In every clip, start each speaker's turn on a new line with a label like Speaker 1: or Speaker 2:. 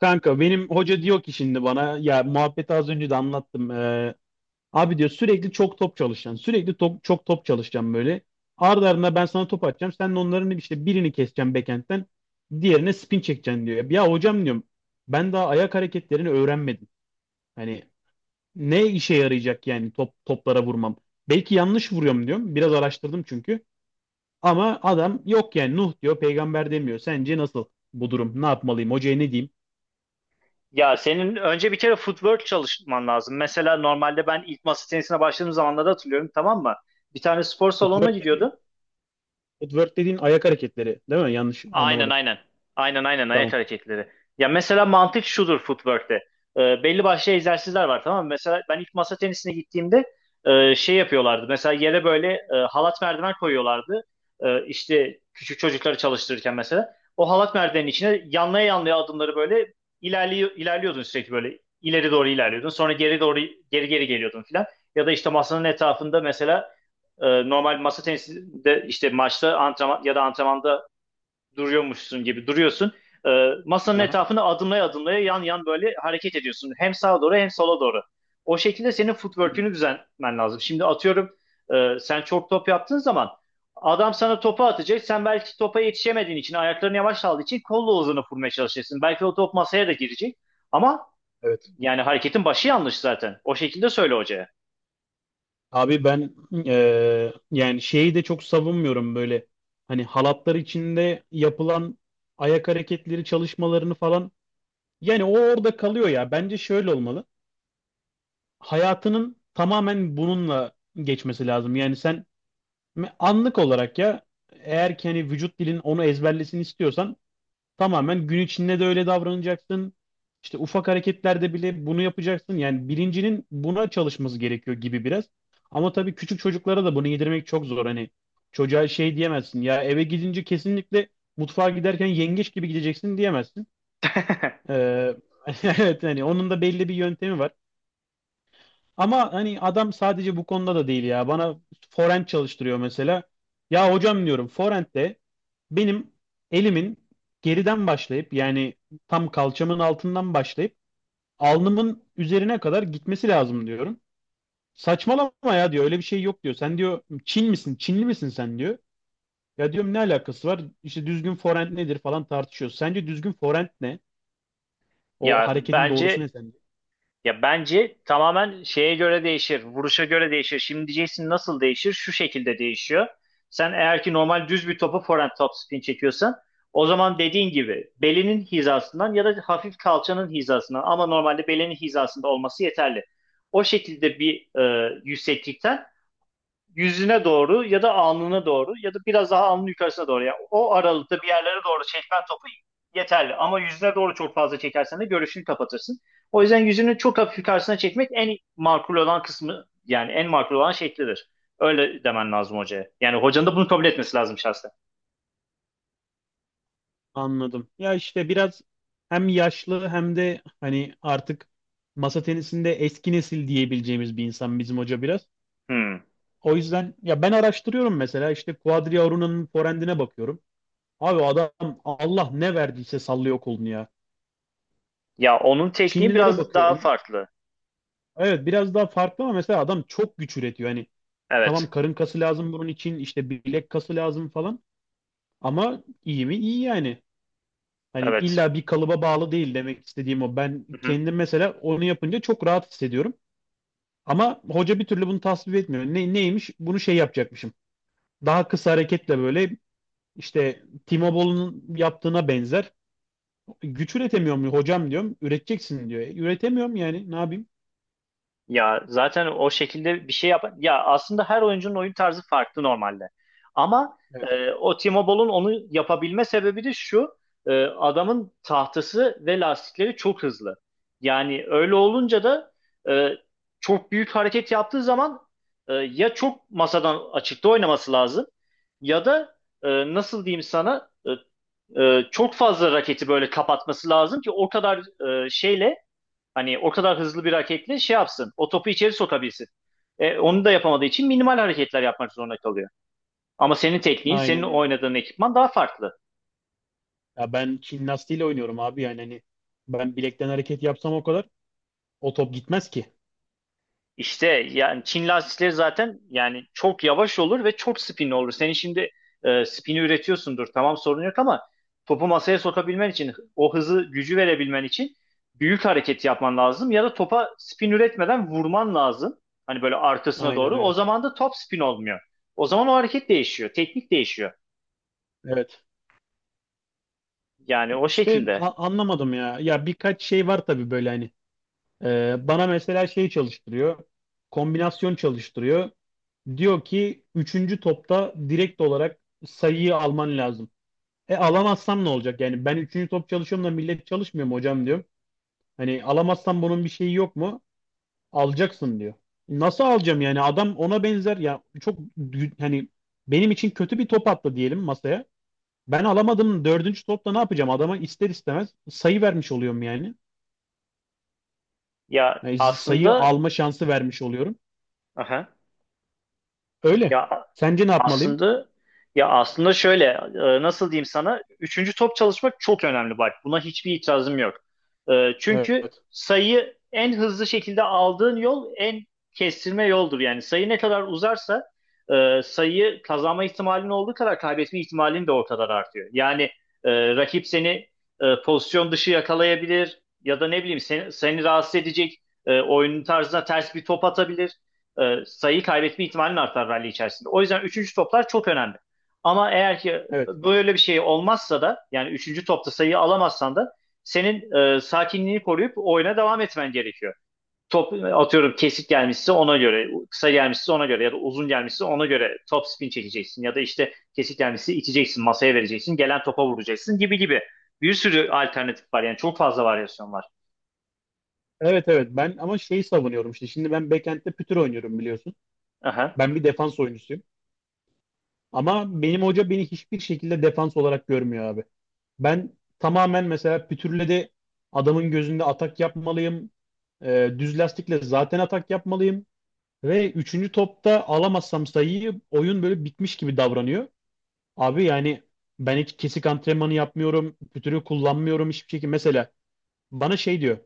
Speaker 1: Kanka benim hoca diyor ki şimdi bana ya, muhabbeti az önce de anlattım. Abi diyor sürekli çok top çalışacaksın. Sürekli top, çok top çalışacaksın böyle. Ardı ardına ben sana top atacağım. Sen de onların işte birini keseceksin backhand'den. Diğerine spin çekeceksin diyor. Ya hocam diyorum ben daha ayak hareketlerini öğrenmedim. Hani ne işe yarayacak yani top toplara vurmam. Belki yanlış vuruyorum diyorum. Biraz araştırdım çünkü. Ama adam yok yani, Nuh diyor peygamber demiyor. Sence nasıl bu durum? Ne yapmalıyım? Hocaya ne diyeyim?
Speaker 2: Ya senin önce bir kere footwork çalışman lazım. Mesela normalde ben ilk masa tenisine başladığım zamanları hatırlıyorum, tamam mı? Bir tane spor salonuna
Speaker 1: Footwork,
Speaker 2: gidiyordum.
Speaker 1: footwork dediğin ayak hareketleri değil mi? Yanlış
Speaker 2: Aynen
Speaker 1: anlamadım.
Speaker 2: aynen. Aynen aynen ayak
Speaker 1: Tamam.
Speaker 2: hareketleri. Ya mesela mantık şudur footwork'te. Belli başlı egzersizler var, tamam mı? Mesela ben ilk masa tenisine gittiğimde şey yapıyorlardı. Mesela yere böyle halat merdiven koyuyorlardı. İşte küçük çocukları çalıştırırken mesela. O halat merdivenin içine yanlaya yanlaya adımları böyle ilerliyordun sürekli böyle. İleri doğru ilerliyordun. Sonra geri doğru geri geliyordun filan. Ya da işte masanın etrafında mesela normal masa tenisinde işte maçta antrenman ya da antrenmanda duruyormuşsun gibi duruyorsun. Masanın
Speaker 1: Aha,
Speaker 2: etrafını adımlaya adımlaya yan yan böyle hareket ediyorsun. Hem sağa doğru hem sola doğru. O şekilde senin footwork'ünü düzenlemen lazım. Şimdi atıyorum, sen çok top yaptığın zaman adam sana topu atacak. Sen belki topa yetişemediğin için, ayaklarını yavaş aldığı için kolla uzunu vurmaya çalışırsın. Belki o top masaya da girecek. Ama
Speaker 1: evet.
Speaker 2: yani hareketin başı yanlış zaten. O şekilde söyle hocaya.
Speaker 1: Abi ben yani şeyi de çok savunmuyorum böyle. Hani halatlar içinde yapılan ayak hareketleri çalışmalarını falan. Yani o orada kalıyor ya. Bence şöyle olmalı. Hayatının tamamen bununla geçmesi lazım. Yani sen anlık olarak ya, eğer ki hani vücut dilin onu ezberlesin istiyorsan tamamen gün içinde de öyle davranacaksın. İşte ufak hareketlerde bile bunu yapacaksın. Yani bilincinin buna çalışması gerekiyor gibi biraz. Ama tabii küçük çocuklara da bunu yedirmek çok zor. Hani çocuğa şey diyemezsin. Ya eve gidince kesinlikle mutfağa giderken yengeç gibi gideceksin diyemezsin. Ee, evet, hani onun da belli bir yöntemi var. Ama hani adam sadece bu konuda da değil ya. Bana forend çalıştırıyor mesela. Ya hocam diyorum, forend'de benim elimin geriden başlayıp yani tam kalçamın altından başlayıp alnımın üzerine kadar gitmesi lazım diyorum. Saçmalama ya diyor, öyle bir şey yok diyor. Sen diyor Çin misin? Çinli misin sen diyor. Ya diyorum ne alakası var? İşte düzgün forend nedir falan tartışıyoruz. Sence düzgün forend ne? O
Speaker 2: Ya
Speaker 1: hareketin doğrusu
Speaker 2: bence
Speaker 1: ne?
Speaker 2: Ya bence tamamen şeye göre değişir, vuruşa göre değişir. Şimdi diyeceksin nasıl değişir? Şu şekilde değişiyor. Sen eğer ki normal düz bir topu forehand topspin çekiyorsan, o zaman dediğin gibi belinin hizasından ya da hafif kalçanın hizasından, ama normalde belinin hizasında olması yeterli. O şekilde bir yükseklikten yüzüne doğru ya da alnına doğru ya da biraz daha alnın yukarısına doğru. Yani o aralıkta bir yerlere doğru çekmen topu yeterli. Ama yüzüne doğru çok fazla çekersen de görüşünü kapatırsın. O yüzden yüzünü çok hafif yukarısına çekmek en makul olan kısmı, yani en makul olan şeklidir. Öyle demen lazım hocaya. Yani hocanın da bunu kabul etmesi lazım şahsen.
Speaker 1: Anladım. Ya işte biraz hem yaşlı hem de hani artık masa tenisinde eski nesil diyebileceğimiz bir insan bizim hoca biraz.
Speaker 2: Hmm.
Speaker 1: O yüzden ya ben araştırıyorum mesela, işte Quadriauruna'nın forehand'ine bakıyorum. Abi adam Allah ne verdiyse sallıyor kolunu ya.
Speaker 2: Ya onun tekniği
Speaker 1: Çinlilere
Speaker 2: biraz daha
Speaker 1: bakıyorum.
Speaker 2: farklı.
Speaker 1: Evet biraz daha farklı ama mesela adam çok güç üretiyor. Hani
Speaker 2: Evet.
Speaker 1: tamam, karın kası lazım bunun için, işte bilek kası lazım falan, ama iyi mi? İyi yani. Hani
Speaker 2: Evet.
Speaker 1: illa bir kalıba bağlı değil, demek istediğim o. Ben
Speaker 2: Hı hı.
Speaker 1: kendim mesela onu yapınca çok rahat hissediyorum. Ama hoca bir türlü bunu tasvip etmiyor. Ne, neymiş? Bunu şey yapacakmışım. Daha kısa hareketle, böyle işte Timo Boll'un yaptığına benzer. Güç üretemiyor mu hocam diyorum. Üreteceksin diyor. Üretemiyorum yani, ne yapayım?
Speaker 2: Ya zaten o şekilde bir şey yap. Ya aslında her oyuncunun oyun tarzı farklı normalde. Ama
Speaker 1: Evet.
Speaker 2: o Timo Boll'un onu yapabilme sebebi de şu. Adamın tahtası ve lastikleri çok hızlı. Yani öyle olunca da e, çok büyük hareket yaptığı zaman, ya çok masadan açıkta oynaması lazım ya da nasıl diyeyim sana, çok fazla raketi böyle kapatması lazım ki o kadar e, şeyle hani o kadar hızlı bir hareketle şey yapsın. O topu içeri sokabilsin. Onu da yapamadığı için minimal hareketler yapmak zorunda kalıyor. Ama senin tekniğin, senin
Speaker 1: Aynen öyle.
Speaker 2: oynadığın ekipman daha farklı.
Speaker 1: Ya ben Çin lastiğiyle oynuyorum abi, yani hani ben bilekten hareket yapsam o kadar o top gitmez ki.
Speaker 2: İşte yani Çin lastikleri zaten yani çok yavaş olur ve çok spinli olur. Senin şimdi spini üretiyorsundur. Tamam, sorun yok, ama topu masaya sokabilmen için, o hızı, gücü verebilmen için büyük hareket yapman lazım ya da topa spin üretmeden vurman lazım. Hani böyle arkasına
Speaker 1: Aynen
Speaker 2: doğru. O
Speaker 1: öyle.
Speaker 2: zaman da top spin olmuyor. O zaman o hareket değişiyor, teknik değişiyor.
Speaker 1: Evet.
Speaker 2: Yani o
Speaker 1: İşte
Speaker 2: şekilde.
Speaker 1: anlamadım ya. Ya birkaç şey var tabii böyle hani. Bana mesela şey çalıştırıyor. Kombinasyon çalıştırıyor. Diyor ki üçüncü topta direkt olarak sayıyı alman lazım. E, alamazsam ne olacak? Yani ben üçüncü top çalışıyorum da millet çalışmıyor mu hocam diyorum. Hani alamazsam bunun bir şeyi yok mu? Alacaksın diyor. Nasıl alacağım yani? Adam ona benzer ya, çok hani benim için kötü bir top attı diyelim masaya. Ben alamadım, dördüncü topta ne yapacağım? Adama ister istemez sayı vermiş oluyorum yani.
Speaker 2: Ya
Speaker 1: Yani sayı
Speaker 2: aslında,
Speaker 1: alma şansı vermiş oluyorum.
Speaker 2: aha.
Speaker 1: Öyle.
Speaker 2: Ya
Speaker 1: Sence ne yapmalıyım?
Speaker 2: Aslında ya aslında şöyle, nasıl diyeyim sana, üçüncü top çalışmak çok önemli, bak buna hiçbir itirazım yok. Çünkü
Speaker 1: Evet.
Speaker 2: sayıyı en hızlı şekilde aldığın yol en kestirme yoldur. Yani sayı ne kadar uzarsa sayı kazanma ihtimalin olduğu kadar kaybetme ihtimalin de o kadar artıyor. Yani rakip seni pozisyon dışı yakalayabilir ya da ne bileyim, seni rahatsız edecek, oyunun tarzına ters bir top atabilir, sayı kaybetme ihtimalin artar rally içerisinde. O yüzden üçüncü toplar çok önemli. Ama eğer ki
Speaker 1: Evet.
Speaker 2: böyle bir şey olmazsa da, yani üçüncü topta sayı alamazsan da senin sakinliğini koruyup oyuna devam etmen gerekiyor. Top atıyorum, kesik gelmişse ona göre, kısa gelmişse ona göre ya da uzun gelmişse ona göre top spin çekeceksin ya da işte kesik gelmişse iteceksin, masaya vereceksin, gelen topa vuracaksın gibi gibi. Bir sürü alternatif var yani, çok fazla varyasyon var.
Speaker 1: Evet, evet. Ben ama şeyi savunuyorum işte. Şimdi ben backend'de pütür oynuyorum biliyorsun.
Speaker 2: Aha.
Speaker 1: Ben bir defans oyuncusuyum. Ama benim hoca beni hiçbir şekilde defans olarak görmüyor abi. Ben tamamen mesela pütürle de adamın gözünde atak yapmalıyım. Düz lastikle zaten atak yapmalıyım. Ve üçüncü topta alamazsam sayıyı, oyun böyle bitmiş gibi davranıyor. Abi yani ben hiç kesik antrenmanı yapmıyorum. Pütürü kullanmıyorum hiçbir şekilde. Mesela bana şey diyor: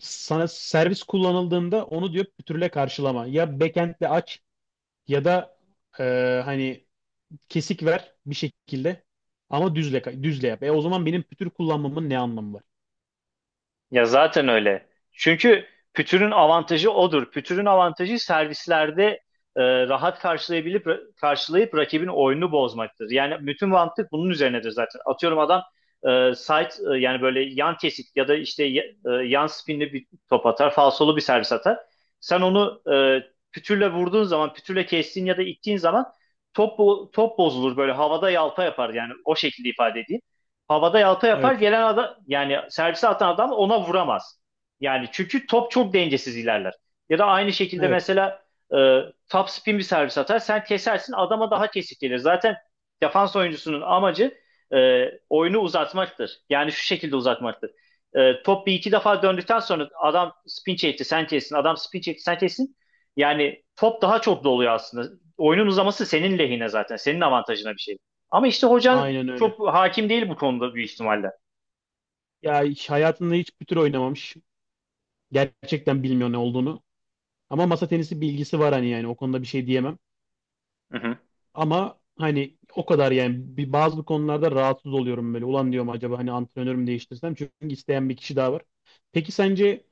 Speaker 1: sana servis kullanıldığında onu diyor pütürle karşılama. Ya backend'le aç, ya da e, hani kesik ver bir şekilde ama düzle düzle yap. E o zaman benim pütür kullanmamın ne anlamı var?
Speaker 2: Ya zaten öyle. Çünkü pütürün avantajı odur. Pütürün avantajı servislerde e, rahat karşılayıp rakibin oyunu bozmaktır. Yani bütün mantık bunun üzerinedir zaten. Atıyorum adam yani böyle yan kesik ya da işte yan spinli bir top atar, falsolu bir servis atar. Sen onu pütürle vurduğun zaman, pütürle kestiğin ya da ittiğin zaman top bozulur, böyle havada yalpa yapar, yani o şekilde ifade edeyim, havada yalpa yapar,
Speaker 1: Evet.
Speaker 2: gelen adam yani servise atan adam ona vuramaz. Yani çünkü top çok dengesiz ilerler. Ya da aynı şekilde
Speaker 1: Evet.
Speaker 2: mesela e, top spin bir servis atar, sen kesersin, adama daha kesik gelir. Zaten defans oyuncusunun amacı e, oyunu uzatmaktır. Yani şu şekilde uzatmaktır. Top bir iki defa döndükten sonra adam spin çekti sen kessin, adam spin çekti sen kessin. Yani top daha çok doluyor aslında. Oyunun uzaması senin lehine zaten. Senin avantajına bir şey. Ama işte hocan
Speaker 1: Aynen öyle.
Speaker 2: çok hakim değil bu konuda büyük ihtimalle.
Speaker 1: Ya hiç hayatında hiç pütür oynamamış. Gerçekten bilmiyor ne olduğunu. Ama masa tenisi bilgisi var, hani yani o konuda bir şey diyemem.
Speaker 2: Hı hı.
Speaker 1: Ama hani o kadar yani, bir bazı konularda rahatsız oluyorum böyle. Ulan diyorum acaba hani antrenörümü değiştirsem, çünkü isteyen bir kişi daha var. Peki sence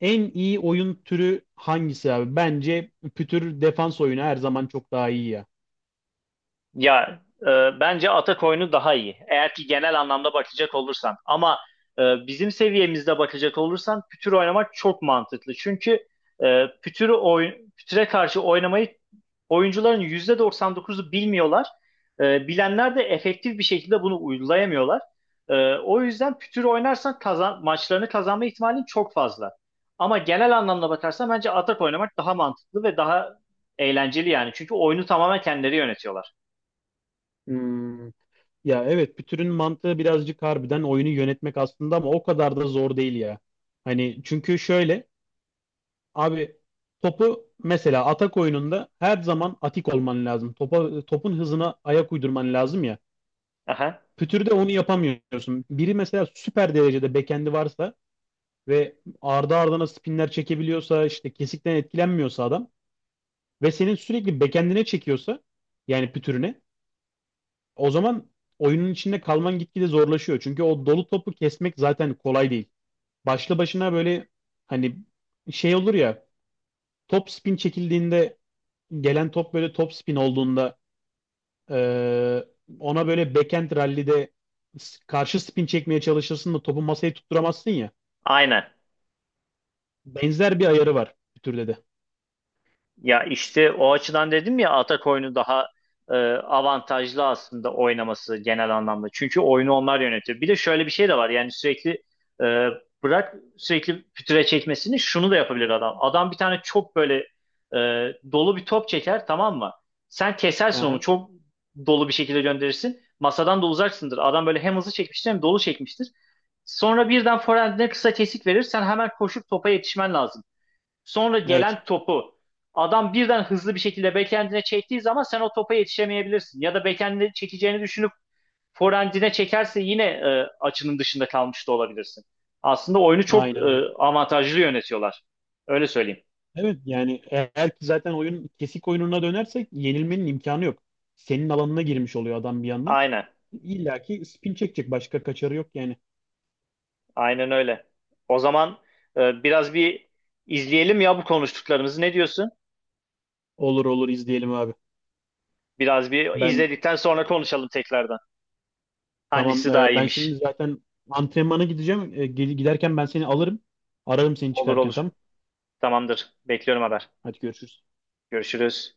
Speaker 1: en iyi oyun türü hangisi abi? Bence pütür defans oyunu her zaman çok daha iyi ya.
Speaker 2: Ya bence atak oyunu daha iyi, eğer ki genel anlamda bakacak olursan. Ama bizim seviyemizde bakacak olursan pütür oynamak çok mantıklı. Çünkü pütüre karşı oynamayı oyuncuların %99'u bilmiyorlar. Bilenler de efektif bir şekilde bunu uygulayamıyorlar. O yüzden pütür oynarsan maçlarını kazanma ihtimalin çok fazla. Ama genel anlamda bakarsan bence atak oynamak daha mantıklı ve daha eğlenceli, yani. Çünkü oyunu tamamen kendileri yönetiyorlar.
Speaker 1: Hmm. Ya evet, pütürün mantığı birazcık harbiden oyunu yönetmek aslında, ama o kadar da zor değil ya. Hani çünkü şöyle abi, topu mesela atak oyununda her zaman atik olman lazım. Topa, topun hızına ayak uydurman lazım ya.
Speaker 2: Aha.
Speaker 1: Pütürde onu yapamıyorsun. Biri mesela süper derecede bekendi varsa ve ardı ardına spinler çekebiliyorsa, işte kesikten etkilenmiyorsa adam ve senin sürekli backend'ine çekiyorsa, yani pütürüne, o zaman oyunun içinde kalman gitgide zorlaşıyor. Çünkü o dolu topu kesmek zaten kolay değil. Başlı başına böyle hani şey olur ya, top spin çekildiğinde, gelen top böyle top spin olduğunda eee, ona böyle backend rally'de karşı spin çekmeye çalışırsın da topu masaya tutturamazsın ya.
Speaker 2: Aynen.
Speaker 1: Benzer bir ayarı var pütürde de.
Speaker 2: Ya işte o açıdan dedim ya, atak oyunu daha avantajlı aslında oynaması genel anlamda. Çünkü oyunu onlar yönetiyor. Bir de şöyle bir şey de var. Yani sürekli e, bırak sürekli pütüre çekmesini, şunu da yapabilir adam. Adam bir tane çok böyle e, dolu bir top çeker, tamam mı? Sen kesersin onu
Speaker 1: Aha,
Speaker 2: çok dolu bir şekilde gönderirsin. Masadan da uzaksındır. Adam böyle hem hızlı çekmiştir hem dolu çekmiştir. Sonra birden forehand'ine kısa kesik verir. Sen hemen koşup topa yetişmen lazım. Sonra
Speaker 1: evet.
Speaker 2: gelen topu adam birden hızlı bir şekilde backhand'ine çektiği zaman sen o topa yetişemeyebilirsin. Ya da backhand'ine çekeceğini düşünüp forehand'ine çekerse yine açının dışında kalmış da olabilirsin. Aslında oyunu çok
Speaker 1: Aynen öyle.
Speaker 2: avantajlı yönetiyorlar. Öyle söyleyeyim.
Speaker 1: Evet yani eğer ki zaten oyun kesik oyununa dönersek yenilmenin imkanı yok. Senin alanına girmiş oluyor adam bir yandan.
Speaker 2: Aynen.
Speaker 1: İlla ki spin çekecek, başka kaçarı yok yani.
Speaker 2: Aynen öyle. O zaman biraz bir izleyelim ya bu konuştuklarımızı. Ne diyorsun?
Speaker 1: Olur olur, izleyelim abi.
Speaker 2: Biraz bir
Speaker 1: Ben
Speaker 2: izledikten sonra konuşalım tekrardan. Hangisi daha
Speaker 1: Ben şimdi
Speaker 2: iyiymiş?
Speaker 1: zaten antrenmana gideceğim. Giderken ben seni alırım. Ararım seni
Speaker 2: Olur
Speaker 1: çıkarken,
Speaker 2: olur.
Speaker 1: tamam.
Speaker 2: Tamamdır. Bekliyorum haber.
Speaker 1: Hadi görüşürüz.
Speaker 2: Görüşürüz.